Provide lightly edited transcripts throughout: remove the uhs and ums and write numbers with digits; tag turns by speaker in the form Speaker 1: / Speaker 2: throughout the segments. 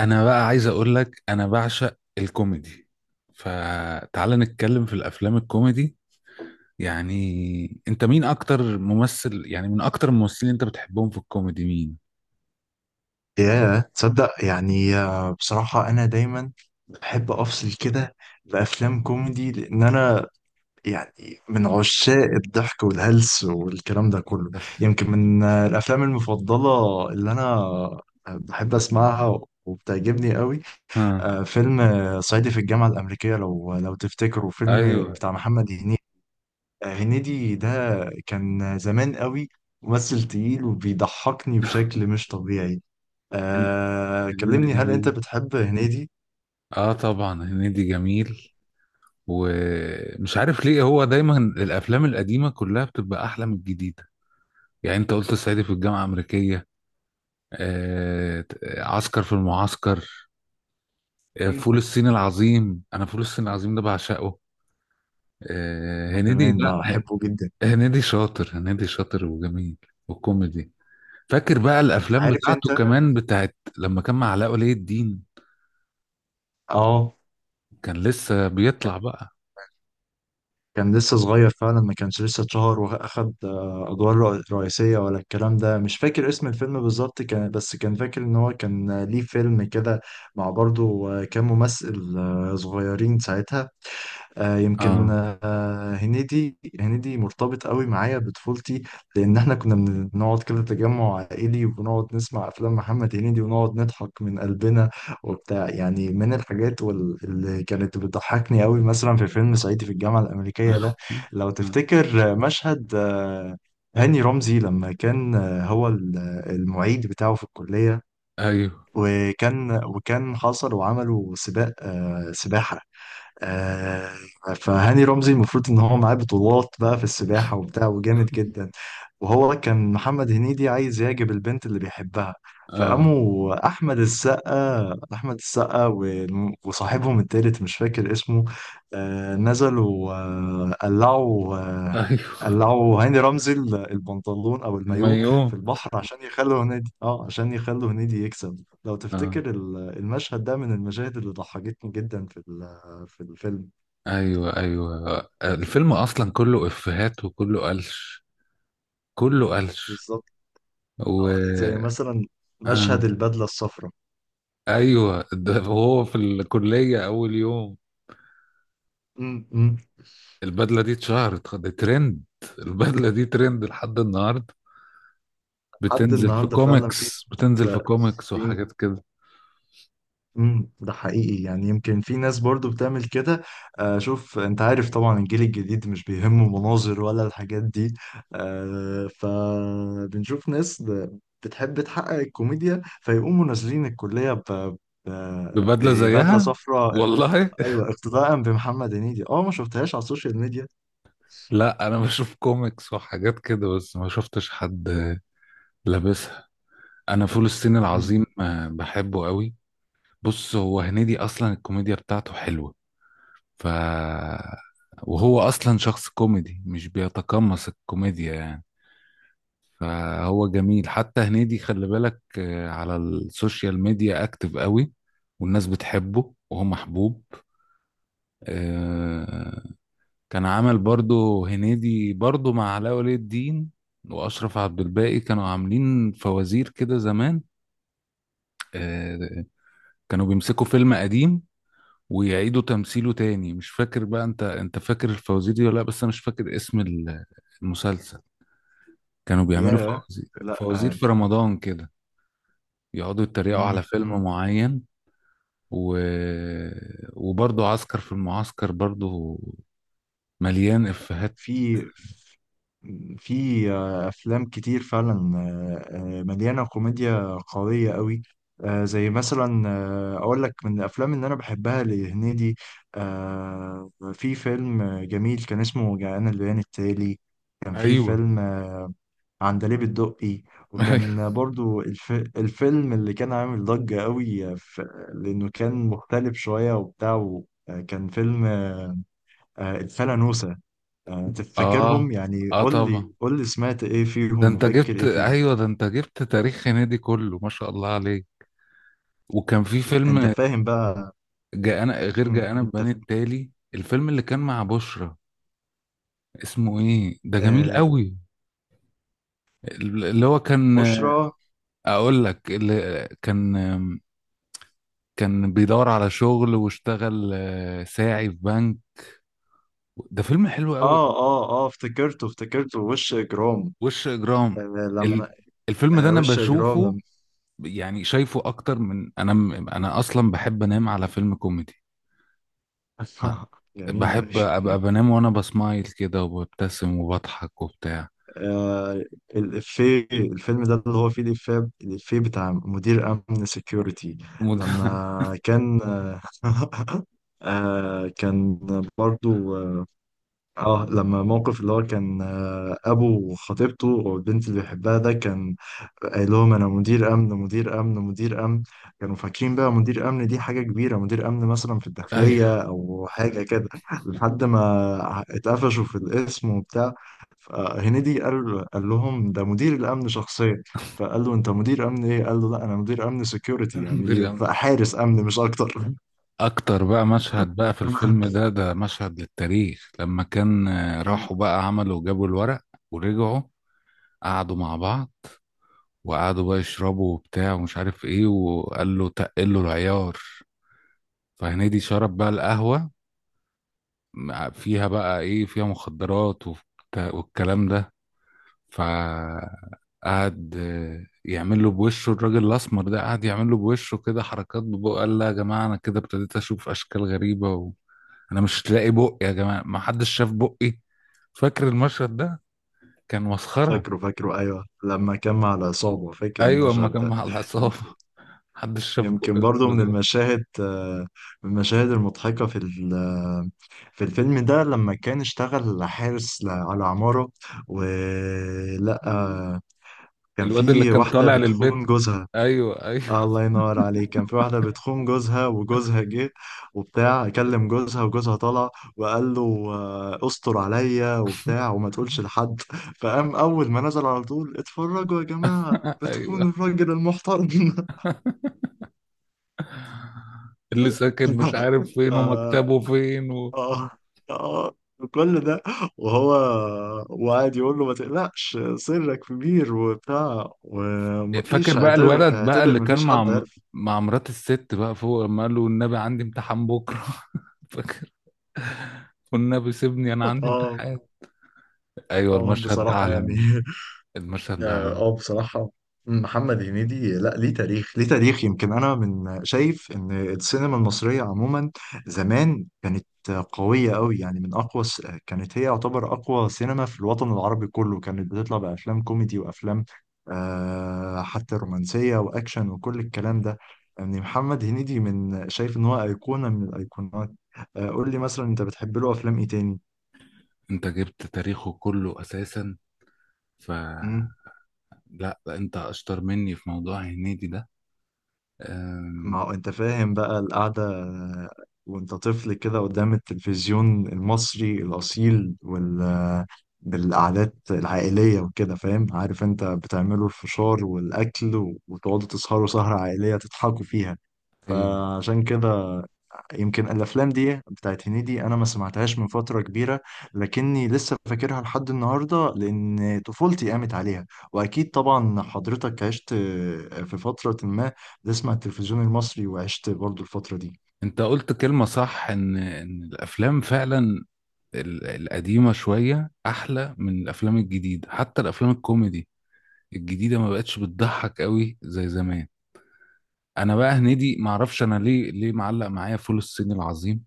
Speaker 1: انا بقى عايز اقول لك انا بعشق الكوميدي. فتعال نتكلم في الافلام الكوميدي. يعني انت مين اكتر ممثل، يعني من اكتر الممثلين انت بتحبهم في الكوميدي مين؟
Speaker 2: ياه، تصدق يعني بصراحة أنا دايما بحب أفصل كده بأفلام كوميدي، لأن أنا يعني من عشاق الضحك والهلس والكلام ده كله. يمكن من الأفلام المفضلة اللي أنا بحب أسمعها وبتعجبني قوي
Speaker 1: ها.
Speaker 2: فيلم صعيدي في الجامعة الأمريكية، لو تفتكروا، فيلم
Speaker 1: ايوه.
Speaker 2: بتاع محمد هنيدي. هنيدي ده كان زمان قوي ممثل تقيل وبيضحكني بشكل مش طبيعي.
Speaker 1: هن- هنيدي
Speaker 2: كلمني، هل انت
Speaker 1: جميل.
Speaker 2: بتحب هنيدي؟
Speaker 1: اه طبعا هنيدي جميل. ومش عارف ليه هو دايما الافلام القديمه كلها بتبقى احلى من الجديده. يعني انت قلت الصعيدي في الجامعه الامريكيه، آه... عسكر في المعسكر،
Speaker 2: مم.
Speaker 1: فول الصين العظيم. انا فول الصين العظيم ده بعشقه.
Speaker 2: انا
Speaker 1: هنيدي
Speaker 2: كمان
Speaker 1: لا
Speaker 2: بحبه جدا.
Speaker 1: هنيدي شاطر. هنيدي شاطر وجميل والكوميدي. فاكر بقى الافلام
Speaker 2: عارف
Speaker 1: بتاعته
Speaker 2: انت.
Speaker 1: كمان، بتاعت لما كان مع علاء ولي الدين؟
Speaker 2: اه.
Speaker 1: كان لسه بيطلع بقى.
Speaker 2: كان لسه صغير فعلا، ما كانش لسه اتشهر واخد ادوار رئيسية ولا الكلام ده. مش فاكر اسم الفيلم بالظبط، كان بس كان فاكر ان هو كان ليه فيلم كده مع برضه كام ممثل صغيرين ساعتها. يمكن
Speaker 1: اه.
Speaker 2: هنيدي مرتبط قوي معايا بطفولتي، لان احنا كنا بنقعد كده تجمع عائلي وبنقعد نسمع افلام محمد هنيدي ونقعد نضحك من قلبنا وبتاع. يعني من الحاجات اللي كانت بتضحكني قوي، مثلا في فيلم صعيدي في الجامعة الأمريكية ده، لو تفتكر مشهد هاني رمزي لما كان هو المعيد بتاعه في الكلية.
Speaker 1: ايوه.
Speaker 2: وكان حصل وعملوا سباق سباحة. آه فهاني رمزي المفروض ان هو معاه بطولات بقى في السباحة وبتاع وجامد جدا، وهو كان محمد هنيدي عايز يعجب البنت اللي بيحبها.
Speaker 1: اه
Speaker 2: فقاموا أحمد السقا وصاحبهم التالت مش فاكر اسمه نزلوا قلعوا
Speaker 1: ايوه
Speaker 2: قلعوا هاني رمزي البنطلون أو المايوه في
Speaker 1: الميوم.
Speaker 2: البحر عشان يخلوا هنيدي، اه، عشان يخلوا هنيدي يكسب. لو
Speaker 1: اه
Speaker 2: تفتكر المشهد ده من المشاهد اللي ضحكتني جدا في في الفيلم.
Speaker 1: ايوه. ايوه الفيلم اصلا كله افيهات وكله قلش، كله قلش.
Speaker 2: بالظبط.
Speaker 1: و
Speaker 2: زي مثلا مشهد
Speaker 1: آه.
Speaker 2: البدلة الصفراء.
Speaker 1: ايوه، ده هو في الكليه اول يوم.
Speaker 2: م- م.
Speaker 1: البدله دي اتشهرت، دي ترند. البدله دي ترند لحد النهارده.
Speaker 2: لحد
Speaker 1: بتنزل في
Speaker 2: النهارده فعلا في
Speaker 1: كوميكس، بتنزل في كوميكس
Speaker 2: في-
Speaker 1: وحاجات كده.
Speaker 2: ده حقيقي، يعني يمكن في ناس برضو بتعمل كده. آه، شوف، انت عارف طبعا الجيل الجديد مش بيهمه مناظر ولا الحاجات دي. آه، فبنشوف ناس بتحب تحقق الكوميديا فيقوموا نازلين الكلية
Speaker 1: ببدله
Speaker 2: ببدلة
Speaker 1: زيها
Speaker 2: صفراء.
Speaker 1: والله.
Speaker 2: ايوه، اقتداء بمحمد هنيدي. اه، ما شفتهاش على السوشيال ميديا.
Speaker 1: لا انا بشوف كوميكس وحاجات كده بس ما شفتش حد لابسها. انا فول الصين
Speaker 2: مم.
Speaker 1: العظيم بحبه قوي. بص هو هنيدي اصلا الكوميديا بتاعته حلوه. ف وهو اصلا شخص كوميدي، مش بيتقمص الكوميديا يعني. فهو جميل. حتى هنيدي خلي بالك، على السوشيال ميديا اكتف قوي والناس بتحبه، وهو محبوب. آه، كان عمل برضو هنيدي برضو مع علاء ولي الدين واشرف عبد الباقي، كانوا عاملين فوازير كده زمان. آه، كانوا بيمسكوا فيلم قديم ويعيدوا تمثيله تاني. مش فاكر بقى انت، فاكر الفوازير دي ولا لا؟ بس انا مش فاكر اسم المسلسل. كانوا بيعملوا
Speaker 2: ياه.
Speaker 1: فوازير،
Speaker 2: لا.
Speaker 1: فوازير في رمضان كده، يقعدوا يتريقوا على
Speaker 2: آه.
Speaker 1: فيلم معين. و... وبرضه عسكر في المعسكر برضه مليان إفيهات.
Speaker 2: في افلام كتير فعلا مليانه كوميديا قويه قوي. زي مثلا اقول لك من الافلام اللي انا بحبها لهنيدي، في فيلم جميل كان اسمه جاءنا البيان التالي. كان في
Speaker 1: ايوه.
Speaker 2: فيلم عندليب الدقي،
Speaker 1: ايوه.
Speaker 2: وكان برضو الفيلم اللي كان عامل ضجة قوي، لأنه كان مختلف شوية وبتاع. وكان فيلم الفلانوسة.
Speaker 1: اه
Speaker 2: تفكرهم يعني؟
Speaker 1: اه
Speaker 2: قول لي،
Speaker 1: طبعا.
Speaker 2: سمعت ايه فيهم وفاكر ايه فيهم؟
Speaker 1: ده انت جبت تاريخ هنيدي كله، ما شاء الله عليك. وكان في
Speaker 2: انت
Speaker 1: فيلم
Speaker 2: فاهم بقى.
Speaker 1: جاءنا غير
Speaker 2: انت
Speaker 1: جاءنا
Speaker 2: انت
Speaker 1: بني
Speaker 2: ف-
Speaker 1: التالي، الفيلم اللي كان مع بشرى. اسمه ايه ده؟ جميل
Speaker 2: آه،
Speaker 1: قوي. اللي هو كان،
Speaker 2: بشرى.
Speaker 1: اقول لك، اللي كان، كان بيدور على شغل واشتغل ساعي في بنك. ده فيلم حلو قوي.
Speaker 2: اه، افتكرته، افتكرته، وش اجرام.
Speaker 1: وش
Speaker 2: آه،
Speaker 1: اجرام.
Speaker 2: لما.
Speaker 1: ال- الفيلم ده
Speaker 2: آه،
Speaker 1: انا
Speaker 2: وش اجرام
Speaker 1: بشوفه،
Speaker 2: لما
Speaker 1: يعني شايفه اكتر من، انا اصلا بحب انام على فيلم كوميدي.
Speaker 2: جميل
Speaker 1: بحب ابقى
Speaker 2: أوي.
Speaker 1: بنام وانا بسمايل كده وببتسم وبضحك وبتاع.
Speaker 2: آه، الإفيه، الفيلم ده اللي هو فيه الإفيه، الإفيه بتاع مدير أمن سيكيورتي.
Speaker 1: مد...
Speaker 2: لما كان آه، كان برضو اه لما موقف اللي هو كان ابو خطيبته والبنت اللي بيحبها ده، كان قايل لهم انا مدير امن، مدير امن، مدير امن. كانوا فاكرين بقى مدير امن دي حاجه كبيره، مدير امن مثلا في الداخليه
Speaker 1: ايوه،
Speaker 2: او حاجه كده، لحد ما اتقفشوا في الاسم وبتاع. فهنيدي قال لهم ده مدير الامن شخصيا. فقال له، انت مدير امن ايه؟ قال له، لا انا مدير امن سكيورتي،
Speaker 1: مدير
Speaker 2: يعني
Speaker 1: أمن.
Speaker 2: بقى حارس امن مش اكتر.
Speaker 1: اكتر بقى مشهد بقى في الفيلم ده، ده مشهد للتاريخ. لما كان راحوا بقى عملوا، جابوا الورق ورجعوا، قعدوا مع بعض، وقعدوا بقى يشربوا وبتاع ومش عارف ايه، وقال له تقل له العيار. فهنيدي شرب بقى القهوة، فيها بقى ايه، فيها مخدرات والكلام ده. فقعد يعمل له بوشه، الراجل الأسمر ده قعد يعمل له بوشه كده، حركات ببقه. قال لا يا جماعة، أنا كده ابتديت أشوف أشكال غريبة وأنا مش لاقي بقي يا جماعة، ما حدش شاف بقي؟ فاكر المشهد ده؟ كان مسخرة.
Speaker 2: فاكره، فاكره، أيوه، لما كان مع العصابة، فاكر
Speaker 1: أيوة، أما
Speaker 2: المشهد
Speaker 1: كان
Speaker 2: ده.
Speaker 1: مع
Speaker 2: يم-
Speaker 1: العصابة. محدش شاف بقي
Speaker 2: يمكن
Speaker 1: من
Speaker 2: برضو من
Speaker 1: الراجل.
Speaker 2: المشاهد من المشاهد المضحكة في في الفيلم ده لما كان اشتغل حارس على عمارة، ولقى كان
Speaker 1: الواد اللي
Speaker 2: في
Speaker 1: كان
Speaker 2: واحدة
Speaker 1: طالع
Speaker 2: بتخون
Speaker 1: للبيت،
Speaker 2: جوزها.
Speaker 1: أيوة أيوة.
Speaker 2: آه، الله ينور عليك، كان في واحدة بتخون جوزها وجوزها جه وبتاع. كلم جوزها وجوزها طلع وقال له استر عليا وبتاع وما تقولش لحد. فقام أول ما نزل على طول، اتفرجوا يا جماعة بتخون
Speaker 1: أيوة،
Speaker 2: الراجل المحترم.
Speaker 1: اللي ساكن مش عارف فين
Speaker 2: ف-
Speaker 1: ومكتبه فين
Speaker 2: آه آه كل ده وهو وقعد يقول له ما تقلقش سرك كبير وبتاع،
Speaker 1: فاكر
Speaker 2: ومفيش،
Speaker 1: بقى
Speaker 2: اعتبر،
Speaker 1: الولد بقى
Speaker 2: اعتبر
Speaker 1: اللي كان
Speaker 2: مفيش
Speaker 1: مع
Speaker 2: حد عارف.
Speaker 1: مع مرات الست بقى فوق، لما قال له والنبي عندي امتحان بكره؟ فاكر؟ والنبي سيبني انا عندي
Speaker 2: اه،
Speaker 1: امتحان. ايوه
Speaker 2: اه،
Speaker 1: المشهد ده
Speaker 2: بصراحة يعني
Speaker 1: عالمي. المشهد ده
Speaker 2: اه،
Speaker 1: عالمي.
Speaker 2: بصراحة محمد هنيدي، لا، ليه تاريخ، ليه تاريخ. يمكن انا من شايف ان السينما المصرية عموما زمان كانت قوية قوي. يعني من كانت هي يعتبر اقوى سينما في الوطن العربي كله، كانت بتطلع بافلام كوميدي وافلام حتى رومانسية واكشن وكل الكلام ده. يعني محمد هنيدي من شايف ان هو ايقونة من الايقونات. آه، قول لي مثلا انت بتحب له افلام ايه
Speaker 1: انت جبت تاريخه كله اساسا. ف
Speaker 2: تاني؟
Speaker 1: لا لا، انت اشطر مني في موضوع هنيدي ده. أم...
Speaker 2: ما هو انت فاهم بقى القعدة وانت طفل كده قدام التلفزيون المصري الأصيل وال بالقعدات العائلية وكده، فاهم، عارف انت بتعملوا الفشار والأكل وتقعدوا تسهروا سهرة عائلية تضحكوا فيها.
Speaker 1: ايوه،
Speaker 2: فعشان كده يمكن الافلام دي بتاعت هنيدي، انا ما سمعتهاش من فتره كبيره، لكني لسه فاكرها لحد النهارده لان طفولتي قامت عليها. واكيد طبعا حضرتك عشت في فتره ما بتسمع التلفزيون المصري، وعشت برضو الفتره دي.
Speaker 1: انت قلت كلمة صح، ان ان الافلام فعلا القديمة شوية احلى من الافلام الجديدة. حتى الافلام الكوميدي الجديده ما بقتش بتضحك قوي زي زمان. انا بقى هنيدي ما اعرفش انا ليه، ليه معلق معايا فول الصين العظيم.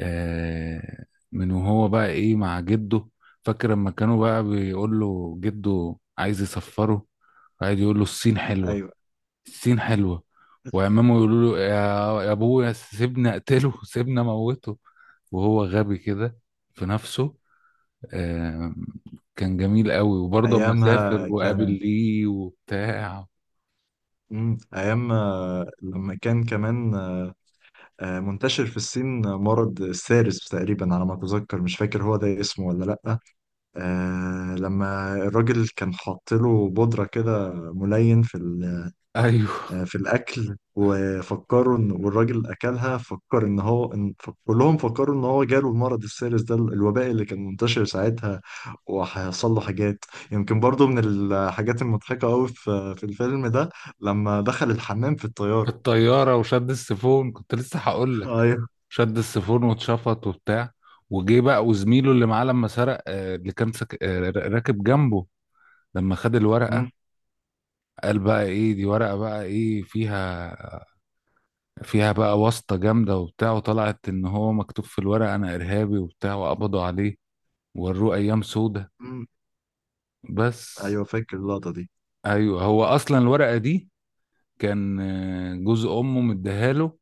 Speaker 1: آه، من وهو بقى ايه مع جده. فاكر لما كانوا بقى بيقول له جده عايز يسفره، قاعد يقول له الصين حلوه،
Speaker 2: ايوه،
Speaker 1: الصين حلوه. وعمامه يقولوا له يا، يا ابويا سيبنا اقتله، سيبنا موته. وهو غبي كده في نفسه. آه، كان جميل قوي. وبرضه اما سافر
Speaker 2: ايامها
Speaker 1: وقابل
Speaker 2: كان.
Speaker 1: ليه وبتاع.
Speaker 2: مم. ايام لما كان كمان منتشر في الصين مرض السارس تقريبا على ما اتذكر، مش فاكر هو ده اسمه ولا لا. آه، لما الراجل كان حاط له بودرة كده ملين في
Speaker 1: ايوه،
Speaker 2: في الأكل، وفكروا إن والراجل أكلها، فكر إن هو إن كلهم فكروا إن هو جاله المرض السيرس ده، الوباء اللي كان منتشر ساعتها، وهيحصل له حاجات. يمكن برضو من الحاجات المضحكة أوي في الفيلم ده لما دخل الحمام في
Speaker 1: في
Speaker 2: الطيارة.
Speaker 1: الطياره وشد السيفون، كنت لسه هقول لك.
Speaker 2: أيوه.
Speaker 1: شد السيفون واتشفط وبتاع. وجه بقى وزميله اللي معاه لما سرق، اللي كان سك... آه، راكب جنبه، لما خد الورقه،
Speaker 2: أمم.
Speaker 1: قال بقى ايه دي، ورقه بقى ايه فيها، فيها بقى واسطه جامده وبتاع. وطلعت ان هو مكتوب في الورقه انا ارهابي وبتاع، وقبضوا عليه ووروه ايام سودة.
Speaker 2: أمم.
Speaker 1: بس.
Speaker 2: أيوه فاكر اللقطة دي.
Speaker 1: ايوه، هو اصلا الورقه دي كان جوز امه مديها له.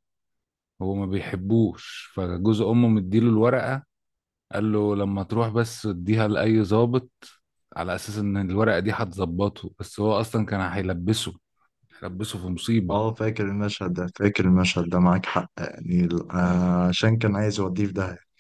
Speaker 1: هو ما بيحبوش، فجوز امه مديله الورقة، قال له لما تروح بس اديها لأي ضابط، على أساس إن الورقة دي هتظبطه، بس هو أصلا كان هيلبسه، هيلبسه في
Speaker 2: اه
Speaker 1: مصيبة.
Speaker 2: فاكر المشهد ده، فاكر المشهد ده، معاك حق. يعني عشان كان عايز يوديه في داهية.